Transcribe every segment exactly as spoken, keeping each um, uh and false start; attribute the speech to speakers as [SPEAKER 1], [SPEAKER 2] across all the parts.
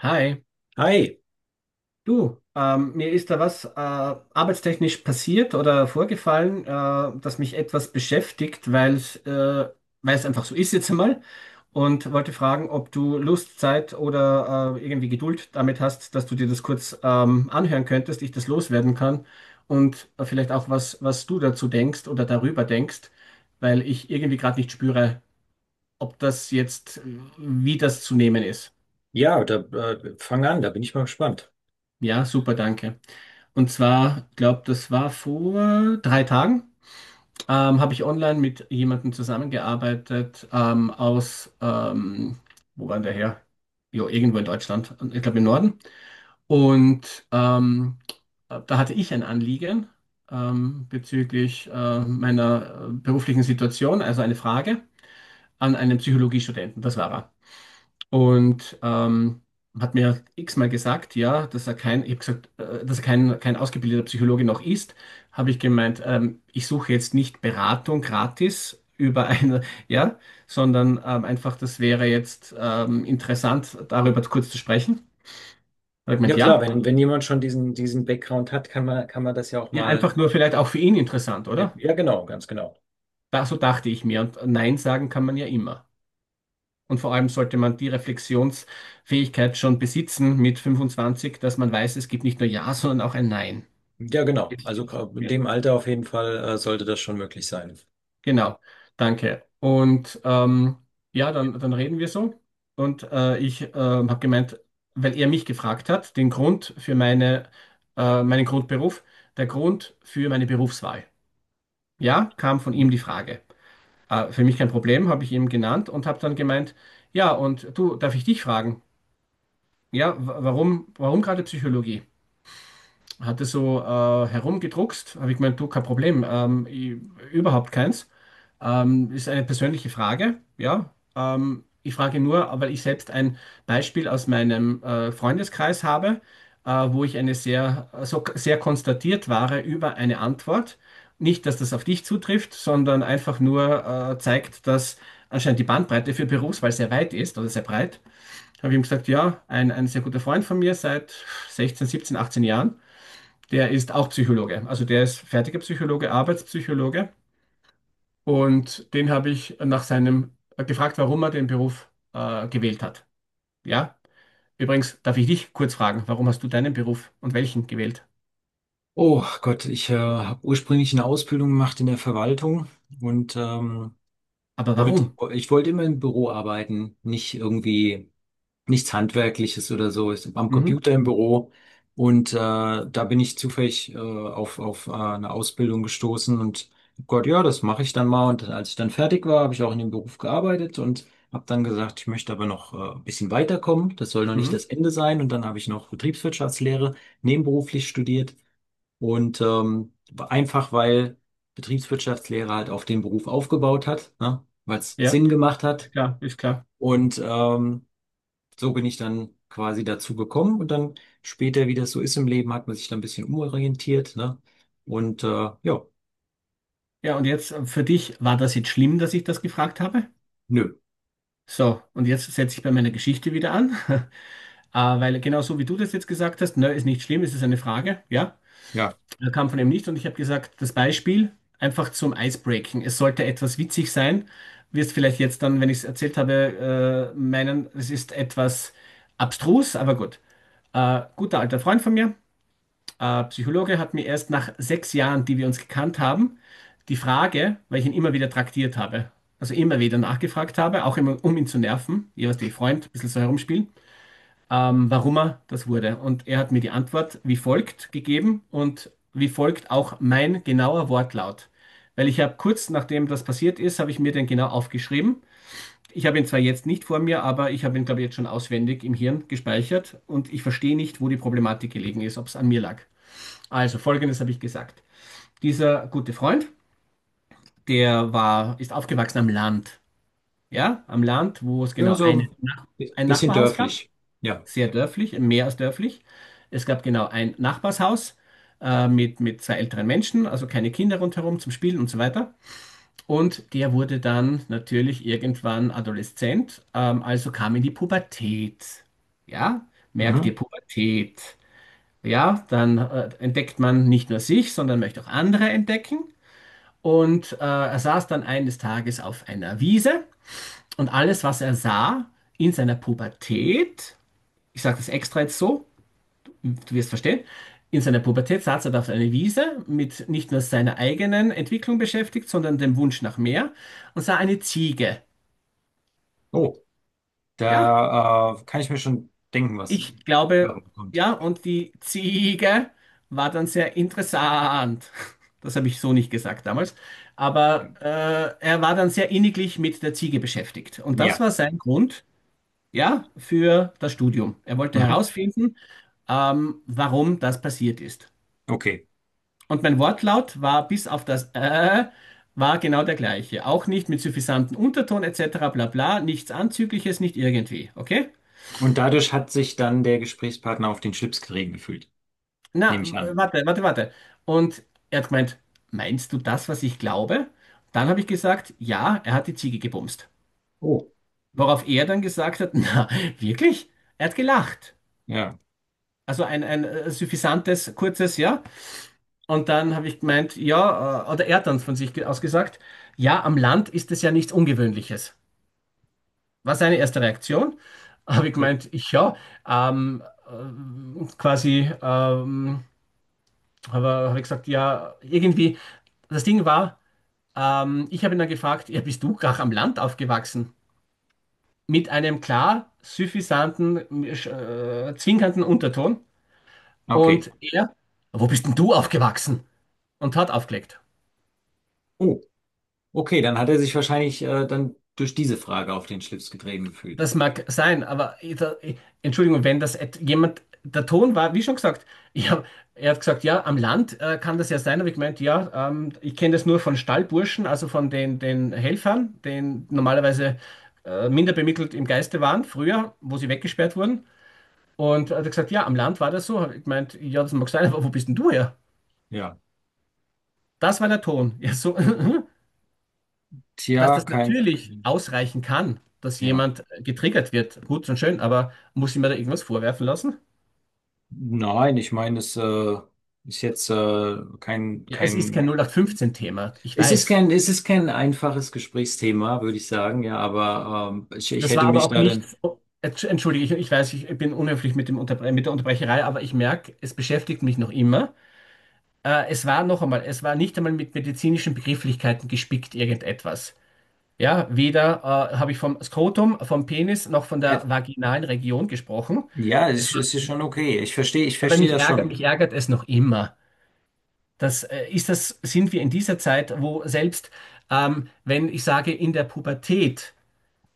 [SPEAKER 1] Hi,
[SPEAKER 2] Hi,
[SPEAKER 1] du, ähm, mir ist da was äh, arbeitstechnisch passiert oder vorgefallen, äh, das mich etwas beschäftigt, weil es äh, weil es einfach so ist jetzt einmal, und wollte fragen, ob du Lust, Zeit oder äh, irgendwie Geduld damit hast, dass du dir das kurz ähm, anhören könntest, ich das loswerden kann und äh, vielleicht auch was, was du dazu denkst oder darüber denkst, weil ich irgendwie gerade nicht spüre, ob das jetzt, äh, wie das zu nehmen ist.
[SPEAKER 2] ja, da äh, fang an, da bin ich mal gespannt.
[SPEAKER 1] Ja, super, danke. Und zwar, glaube, das war vor drei Tagen, ähm, habe ich online mit jemandem zusammengearbeitet ähm, aus, ähm, wo war der her? Jo, irgendwo in Deutschland, ich glaube im Norden. Und ähm, da hatte ich ein Anliegen ähm, bezüglich äh, meiner äh, beruflichen Situation, also eine Frage an einen Psychologiestudenten, das war er. Und ähm, hat mir x-mal gesagt, ja, dass er kein, ich habe gesagt, äh, dass er kein, kein ausgebildeter Psychologe noch ist, habe ich gemeint, ähm, ich suche jetzt nicht Beratung gratis über eine, ja, sondern ähm, einfach, das wäre jetzt ähm, interessant, darüber kurz zu sprechen. Hat er
[SPEAKER 2] Ja
[SPEAKER 1] gemeint,
[SPEAKER 2] klar,
[SPEAKER 1] ja,
[SPEAKER 2] wenn, wenn jemand schon diesen, diesen Background hat, kann man, kann man das ja auch
[SPEAKER 1] ja,
[SPEAKER 2] mal.
[SPEAKER 1] einfach nur vielleicht auch für ihn interessant,
[SPEAKER 2] Ja,
[SPEAKER 1] oder?
[SPEAKER 2] ja, genau, ganz genau.
[SPEAKER 1] Da, so dachte ich mir. Und Nein sagen kann man ja immer. Und vor allem sollte man die Reflexionsfähigkeit schon besitzen mit fünfundzwanzig, dass man weiß, es gibt nicht nur Ja, sondern auch ein Nein.
[SPEAKER 2] Ja, genau. Also
[SPEAKER 1] Gezielt
[SPEAKER 2] in
[SPEAKER 1] wird.
[SPEAKER 2] dem Alter auf jeden Fall äh, sollte das schon möglich sein.
[SPEAKER 1] Genau, danke. Und ähm, ja, dann, dann reden wir so. Und äh, ich ähm, habe gemeint, weil er mich gefragt hat, den Grund für meine, äh, meinen Grundberuf, der Grund für meine Berufswahl. Ja, kam von ihm
[SPEAKER 2] Mhm.
[SPEAKER 1] die Frage. Äh, für mich kein Problem, habe ich ihm genannt und habe dann gemeint, ja, und du, darf ich dich fragen? Ja, wa- warum, warum gerade Psychologie? Hat er so äh, herumgedruckst, habe ich gemeint, du, kein Problem, ähm, ich, überhaupt keins. Ähm, ist eine persönliche Frage, ja. Ähm, ich frage nur, weil ich selbst ein Beispiel aus meinem äh, Freundeskreis habe, äh, wo ich eine sehr, so sehr konstatiert war über eine Antwort. Nicht, dass das auf dich zutrifft, sondern einfach nur äh, zeigt, dass anscheinend die Bandbreite für Berufswahl sehr weit ist oder sehr breit. Habe ich ihm gesagt, ja, ein, ein sehr guter Freund von mir seit sechzehn, siebzehn, achtzehn Jahren, der ist auch Psychologe. Also der ist fertiger Psychologe, Arbeitspsychologe. Und den habe ich nach seinem äh, gefragt, warum er den Beruf äh, gewählt hat. Ja, übrigens darf ich dich kurz fragen, warum hast du deinen Beruf und welchen gewählt?
[SPEAKER 2] Oh Gott, ich äh, habe ursprünglich eine Ausbildung gemacht in der Verwaltung und ähm,
[SPEAKER 1] Aber
[SPEAKER 2] wollt,
[SPEAKER 1] warum?
[SPEAKER 2] ich wollte immer im Büro arbeiten, nicht irgendwie nichts Handwerkliches oder so, ist am
[SPEAKER 1] Mhm.
[SPEAKER 2] Computer im Büro. Und äh, da bin ich zufällig äh, auf, auf äh, eine Ausbildung gestoßen und hab Gott, ja, das mache ich dann mal. Und als ich dann fertig war, habe ich auch in dem Beruf gearbeitet und habe dann gesagt, ich möchte aber noch äh, ein bisschen weiterkommen. Das soll noch nicht
[SPEAKER 1] Mhm.
[SPEAKER 2] das Ende sein. Und dann habe ich noch Betriebswirtschaftslehre nebenberuflich studiert. Und ähm, einfach weil Betriebswirtschaftslehre halt auf den Beruf aufgebaut hat, ne? Weil es
[SPEAKER 1] Ja,
[SPEAKER 2] Sinn gemacht
[SPEAKER 1] ist
[SPEAKER 2] hat.
[SPEAKER 1] klar, ist klar.
[SPEAKER 2] Und ähm, so bin ich dann quasi dazu gekommen und dann später, wie das so ist im Leben, hat man sich dann ein bisschen umorientiert, ne? Und äh, ja,
[SPEAKER 1] Ja, und jetzt äh, für dich, war das jetzt schlimm, dass ich das gefragt habe?
[SPEAKER 2] nö,
[SPEAKER 1] So, und jetzt setze ich bei meiner Geschichte wieder an, äh, weil genau so wie du das jetzt gesagt hast, ne, ist nicht schlimm, es ist eine Frage, ja.
[SPEAKER 2] ja,
[SPEAKER 1] Er kam von ihm nicht und ich habe gesagt, das Beispiel einfach zum Icebreaking. Es sollte etwas witzig sein. Wirst vielleicht jetzt dann, wenn ich es erzählt habe, äh, meinen, es ist etwas abstrus, aber gut. Äh, guter alter Freund von mir, äh, Psychologe, hat mir erst nach sechs Jahren, die wir uns gekannt haben, die Frage, weil ich ihn immer wieder traktiert habe, also immer wieder nachgefragt habe, auch immer, um ihn zu nerven, jeweils die Freund, ein bisschen so herumspielen, ähm, warum er das wurde. Und er hat mir die Antwort wie folgt gegeben und wie folgt auch mein genauer Wortlaut. Weil ich habe kurz nachdem das passiert ist, habe ich mir den genau aufgeschrieben. Ich habe ihn zwar jetzt nicht vor mir, aber ich habe ihn, glaube ich, jetzt schon auswendig im Hirn gespeichert und ich verstehe nicht, wo die Problematik gelegen ist, ob es an mir lag. Also, Folgendes habe ich gesagt. Dieser gute Freund, der war, ist aufgewachsen am Land. Ja, am Land, wo es
[SPEAKER 2] ja,
[SPEAKER 1] genau eine,
[SPEAKER 2] so bi-
[SPEAKER 1] ein
[SPEAKER 2] bisschen
[SPEAKER 1] Nachbarhaus gab.
[SPEAKER 2] dörflich, ja.
[SPEAKER 1] Sehr dörflich, mehr als dörflich. Es gab genau ein Nachbarshaus äh, mit, mit zwei älteren Menschen, also keine Kinder rundherum zum Spielen und so weiter. Und der wurde dann natürlich irgendwann adoleszent, ähm, also kam in die Pubertät. Ja, merkt ihr
[SPEAKER 2] Mhm.
[SPEAKER 1] Pubertät. Ja, dann äh, entdeckt man nicht nur sich, sondern möchte auch andere entdecken. Und äh, er saß dann eines Tages auf einer Wiese und alles, was er sah in seiner Pubertät, ich sage das extra jetzt so, du wirst verstehen, in seiner Pubertät saß er da auf einer Wiese mit nicht nur seiner eigenen Entwicklung beschäftigt, sondern dem Wunsch nach mehr, und sah eine Ziege.
[SPEAKER 2] Oh,
[SPEAKER 1] Ja,
[SPEAKER 2] da äh, kann ich mir schon denken, was
[SPEAKER 1] ich glaube,
[SPEAKER 2] da kommt.
[SPEAKER 1] ja, und die Ziege war dann sehr interessant. Das habe ich so nicht gesagt damals. Aber äh, er war dann sehr inniglich mit der Ziege beschäftigt. Und das
[SPEAKER 2] Ja,
[SPEAKER 1] war sein Grund, ja, für das Studium. Er wollte
[SPEAKER 2] mhm.
[SPEAKER 1] herausfinden, ähm, warum das passiert ist.
[SPEAKER 2] Okay.
[SPEAKER 1] Und mein Wortlaut war bis auf das äh, war genau der gleiche. Auch nicht mit suffisantem Unterton et cetera bla bla, nichts Anzügliches, nicht irgendwie. Okay?
[SPEAKER 2] Und dadurch hat sich dann der Gesprächspartner auf den Schlips gerieben gefühlt,
[SPEAKER 1] Na,
[SPEAKER 2] nehme ich an.
[SPEAKER 1] warte, warte, warte. Und er hat gemeint, meinst du das, was ich glaube? Dann habe ich gesagt, ja, er hat die Ziege gebumst.
[SPEAKER 2] Oh,
[SPEAKER 1] Worauf er dann gesagt hat, na, wirklich? Er hat gelacht.
[SPEAKER 2] ja,
[SPEAKER 1] Also ein, ein äh, suffisantes, kurzes Ja. Und dann habe ich gemeint, ja, äh, oder er hat dann von sich ge- aus gesagt, ja, am Land ist es ja nichts Ungewöhnliches. War seine erste Reaktion. Habe ich
[SPEAKER 2] okay.
[SPEAKER 1] gemeint, ich ja. Ähm, äh, quasi ähm, habe hab ich gesagt, ja, irgendwie. Das Ding war, ähm, ich habe ihn dann gefragt, ja, bist du gar am Land aufgewachsen? Mit einem klar suffisanten, äh, zwinkernden Unterton. Und
[SPEAKER 2] Okay.
[SPEAKER 1] er, wo bist denn du aufgewachsen? Und hat aufgelegt.
[SPEAKER 2] Oh, okay, dann hat er sich wahrscheinlich äh, dann durch diese Frage auf den Schlips getreten gefühlt.
[SPEAKER 1] Das mag sein, aber ich- da- ich- Entschuldigung, wenn das et- jemand, der Ton war, wie schon gesagt, ich hab, er hat gesagt, ja, am Land äh, kann das ja sein, aber ich meint, ja, ähm, ich kenne das nur von Stallburschen, also von den, den Helfern, den normalerweise äh, minder bemittelt im Geiste waren, früher, wo sie weggesperrt wurden. Und er hat gesagt, ja, am Land war das so. Hab Ich meint, ja, das mag sein, aber wo bist denn du her?
[SPEAKER 2] Ja.
[SPEAKER 1] Das war der Ton. Ja, so, dass
[SPEAKER 2] Tja,
[SPEAKER 1] das
[SPEAKER 2] kein,
[SPEAKER 1] natürlich
[SPEAKER 2] kein,
[SPEAKER 1] ausreichen kann, dass
[SPEAKER 2] ja.
[SPEAKER 1] jemand äh, getriggert wird, gut und schön, aber muss ich mir da irgendwas vorwerfen lassen?
[SPEAKER 2] Nein, ich meine, es äh, ist jetzt äh, kein,
[SPEAKER 1] Ja, es ist kein
[SPEAKER 2] kein,
[SPEAKER 1] null acht fünfzehn-Thema, ich
[SPEAKER 2] es ist
[SPEAKER 1] weiß.
[SPEAKER 2] kein, es ist kein einfaches Gesprächsthema, würde ich sagen, ja, aber ähm, ich, ich
[SPEAKER 1] Das
[SPEAKER 2] hätte
[SPEAKER 1] war aber
[SPEAKER 2] mich
[SPEAKER 1] auch
[SPEAKER 2] da dann,
[SPEAKER 1] nichts. Oh, Entsch- entschuldige, ich, ich weiß, ich bin unhöflich mit dem Unterbre mit der Unterbrecherei, aber ich merke, es beschäftigt mich noch immer. Äh, es war noch einmal, es war nicht einmal mit medizinischen Begrifflichkeiten gespickt, irgendetwas. Ja, weder äh, habe ich vom Skrotum, vom Penis noch von
[SPEAKER 2] äh,
[SPEAKER 1] der vaginalen Region gesprochen.
[SPEAKER 2] ja,
[SPEAKER 1] Es
[SPEAKER 2] es,
[SPEAKER 1] war,
[SPEAKER 2] es ist schon okay. Ich verstehe, ich
[SPEAKER 1] aber
[SPEAKER 2] verstehe
[SPEAKER 1] mich
[SPEAKER 2] das
[SPEAKER 1] ärgert, mich
[SPEAKER 2] schon.
[SPEAKER 1] ärgert es noch immer. Das, äh, ist das, sind wir in dieser Zeit, wo selbst ähm, wenn ich sage in der Pubertät,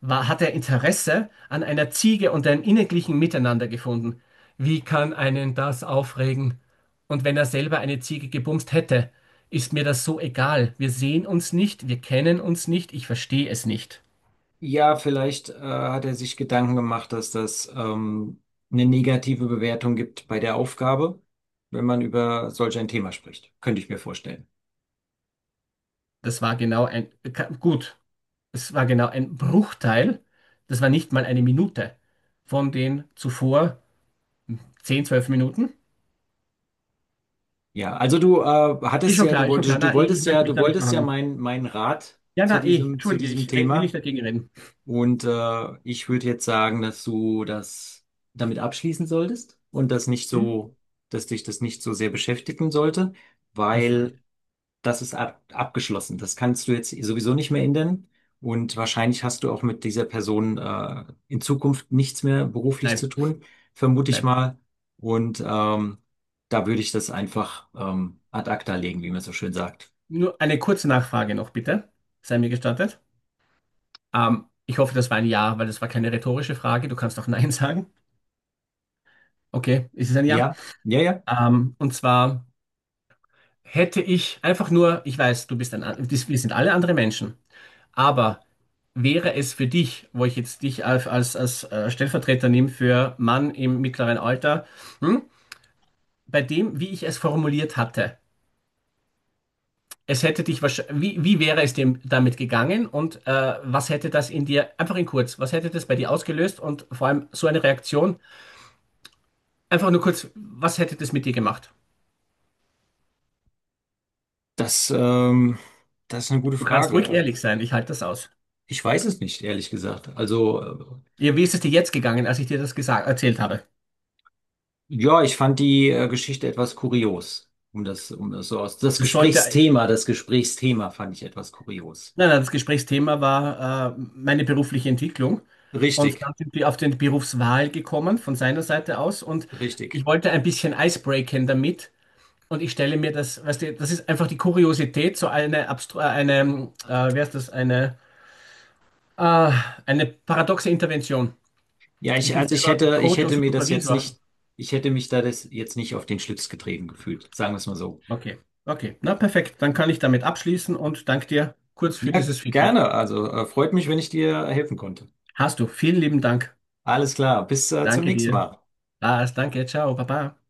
[SPEAKER 1] war, hat er Interesse an einer Ziege und einem inniglichen Miteinander gefunden. Wie kann einen das aufregen? Und wenn er selber eine Ziege gebumst hätte, ist mir das so egal. Wir sehen uns nicht, wir kennen uns nicht, ich verstehe es nicht.
[SPEAKER 2] Ja, vielleicht äh, hat er sich Gedanken gemacht, dass das ähm, eine negative Bewertung gibt bei der Aufgabe, wenn man über solch ein Thema spricht. Könnte ich mir vorstellen.
[SPEAKER 1] Das war genau ein, ka- gut, es war genau ein Bruchteil, das war nicht mal eine Minute von den zuvor zehn zwölf Minuten.
[SPEAKER 2] Ja, also du äh,
[SPEAKER 1] Ist
[SPEAKER 2] hattest
[SPEAKER 1] schon
[SPEAKER 2] ja, du
[SPEAKER 1] klar, ist schon klar.
[SPEAKER 2] wolltest, du
[SPEAKER 1] Na, ich, ich
[SPEAKER 2] wolltest ja,
[SPEAKER 1] möchte mich
[SPEAKER 2] du
[SPEAKER 1] da nicht
[SPEAKER 2] wolltest ja
[SPEAKER 1] verhangen.
[SPEAKER 2] meinen meinen Rat
[SPEAKER 1] Ja,
[SPEAKER 2] zu
[SPEAKER 1] na, eh,
[SPEAKER 2] diesem, zu
[SPEAKER 1] entschuldige,
[SPEAKER 2] diesem
[SPEAKER 1] ich re- will nicht
[SPEAKER 2] Thema.
[SPEAKER 1] dagegen reden.
[SPEAKER 2] Und äh, ich würde jetzt sagen, dass du das damit abschließen solltest und das nicht
[SPEAKER 1] Hm?
[SPEAKER 2] so, dass dich das nicht so sehr beschäftigen sollte,
[SPEAKER 1] Hast du recht.
[SPEAKER 2] weil das ist ab, abgeschlossen. Das kannst du jetzt sowieso nicht mehr ändern. Und wahrscheinlich hast du auch mit dieser Person äh, in Zukunft nichts mehr beruflich
[SPEAKER 1] Nein,
[SPEAKER 2] zu tun, vermute ich
[SPEAKER 1] nein.
[SPEAKER 2] mal. Und ähm, da würde ich das einfach ähm, ad acta legen, wie man so schön sagt.
[SPEAKER 1] Nur eine kurze Nachfrage noch, bitte. Sei mir gestattet. Ähm, ich hoffe, das war ein Ja, weil das war keine rhetorische Frage. Du kannst auch Nein sagen. Okay, ist es ein Ja?
[SPEAKER 2] Ja, ja, ja.
[SPEAKER 1] Ähm, und zwar hätte ich einfach nur, ich weiß, du bist ein, an- dies- wir sind alle andere Menschen, aber wäre es für dich, wo ich jetzt dich als, als, als äh, Stellvertreter nehme für Mann im mittleren Alter, hm, bei dem, wie ich es formuliert hatte, es hätte dich wahrscheinlich, wie, wie wäre es dem damit gegangen und äh, was hätte das in dir, einfach in kurz, was hätte das bei dir ausgelöst und vor allem so eine Reaktion, einfach nur kurz, was hätte das mit dir gemacht?
[SPEAKER 2] Das, ähm, das ist eine gute
[SPEAKER 1] Du kannst ruhig
[SPEAKER 2] Frage.
[SPEAKER 1] ehrlich sein, ich halte das aus.
[SPEAKER 2] Ich weiß es nicht, ehrlich gesagt. Also, äh,
[SPEAKER 1] Ja, wie ist es dir jetzt gegangen, als ich dir das gesagt, erzählt habe?
[SPEAKER 2] ja, ich fand die äh, Geschichte etwas kurios. Um das, um das so aus, das
[SPEAKER 1] Das sollte, nein,
[SPEAKER 2] Gesprächsthema, das Gesprächsthema fand ich etwas kurios.
[SPEAKER 1] nein, das Gesprächsthema war äh, meine berufliche Entwicklung, und
[SPEAKER 2] Richtig,
[SPEAKER 1] dann sind wir auf den Berufswahl gekommen von seiner Seite aus, und
[SPEAKER 2] richtig.
[SPEAKER 1] ich wollte ein bisschen Eis breaken damit. Und ich stelle mir das, weißt du, das ist einfach die Kuriosität, so eine, abstru- äh, eine äh, wer ist das, eine, äh, eine paradoxe Intervention.
[SPEAKER 2] Ja,
[SPEAKER 1] Ich
[SPEAKER 2] ich,
[SPEAKER 1] bin
[SPEAKER 2] also ich
[SPEAKER 1] selber
[SPEAKER 2] hätte, ich
[SPEAKER 1] Coach und
[SPEAKER 2] hätte mir das jetzt
[SPEAKER 1] Supervisor.
[SPEAKER 2] nicht, ich hätte mich da das jetzt nicht auf den Schlips getreten gefühlt, sagen wir es mal so.
[SPEAKER 1] Okay, okay, na perfekt. Dann kann ich damit abschließen und danke dir kurz für
[SPEAKER 2] Ja,
[SPEAKER 1] dieses Feedback.
[SPEAKER 2] gerne. Also äh, freut mich, wenn ich dir helfen konnte.
[SPEAKER 1] Hast du. Vielen lieben Dank.
[SPEAKER 2] Alles klar, bis äh, zum
[SPEAKER 1] Danke
[SPEAKER 2] nächsten
[SPEAKER 1] dir.
[SPEAKER 2] Mal.
[SPEAKER 1] Lars, danke. Ciao, Baba.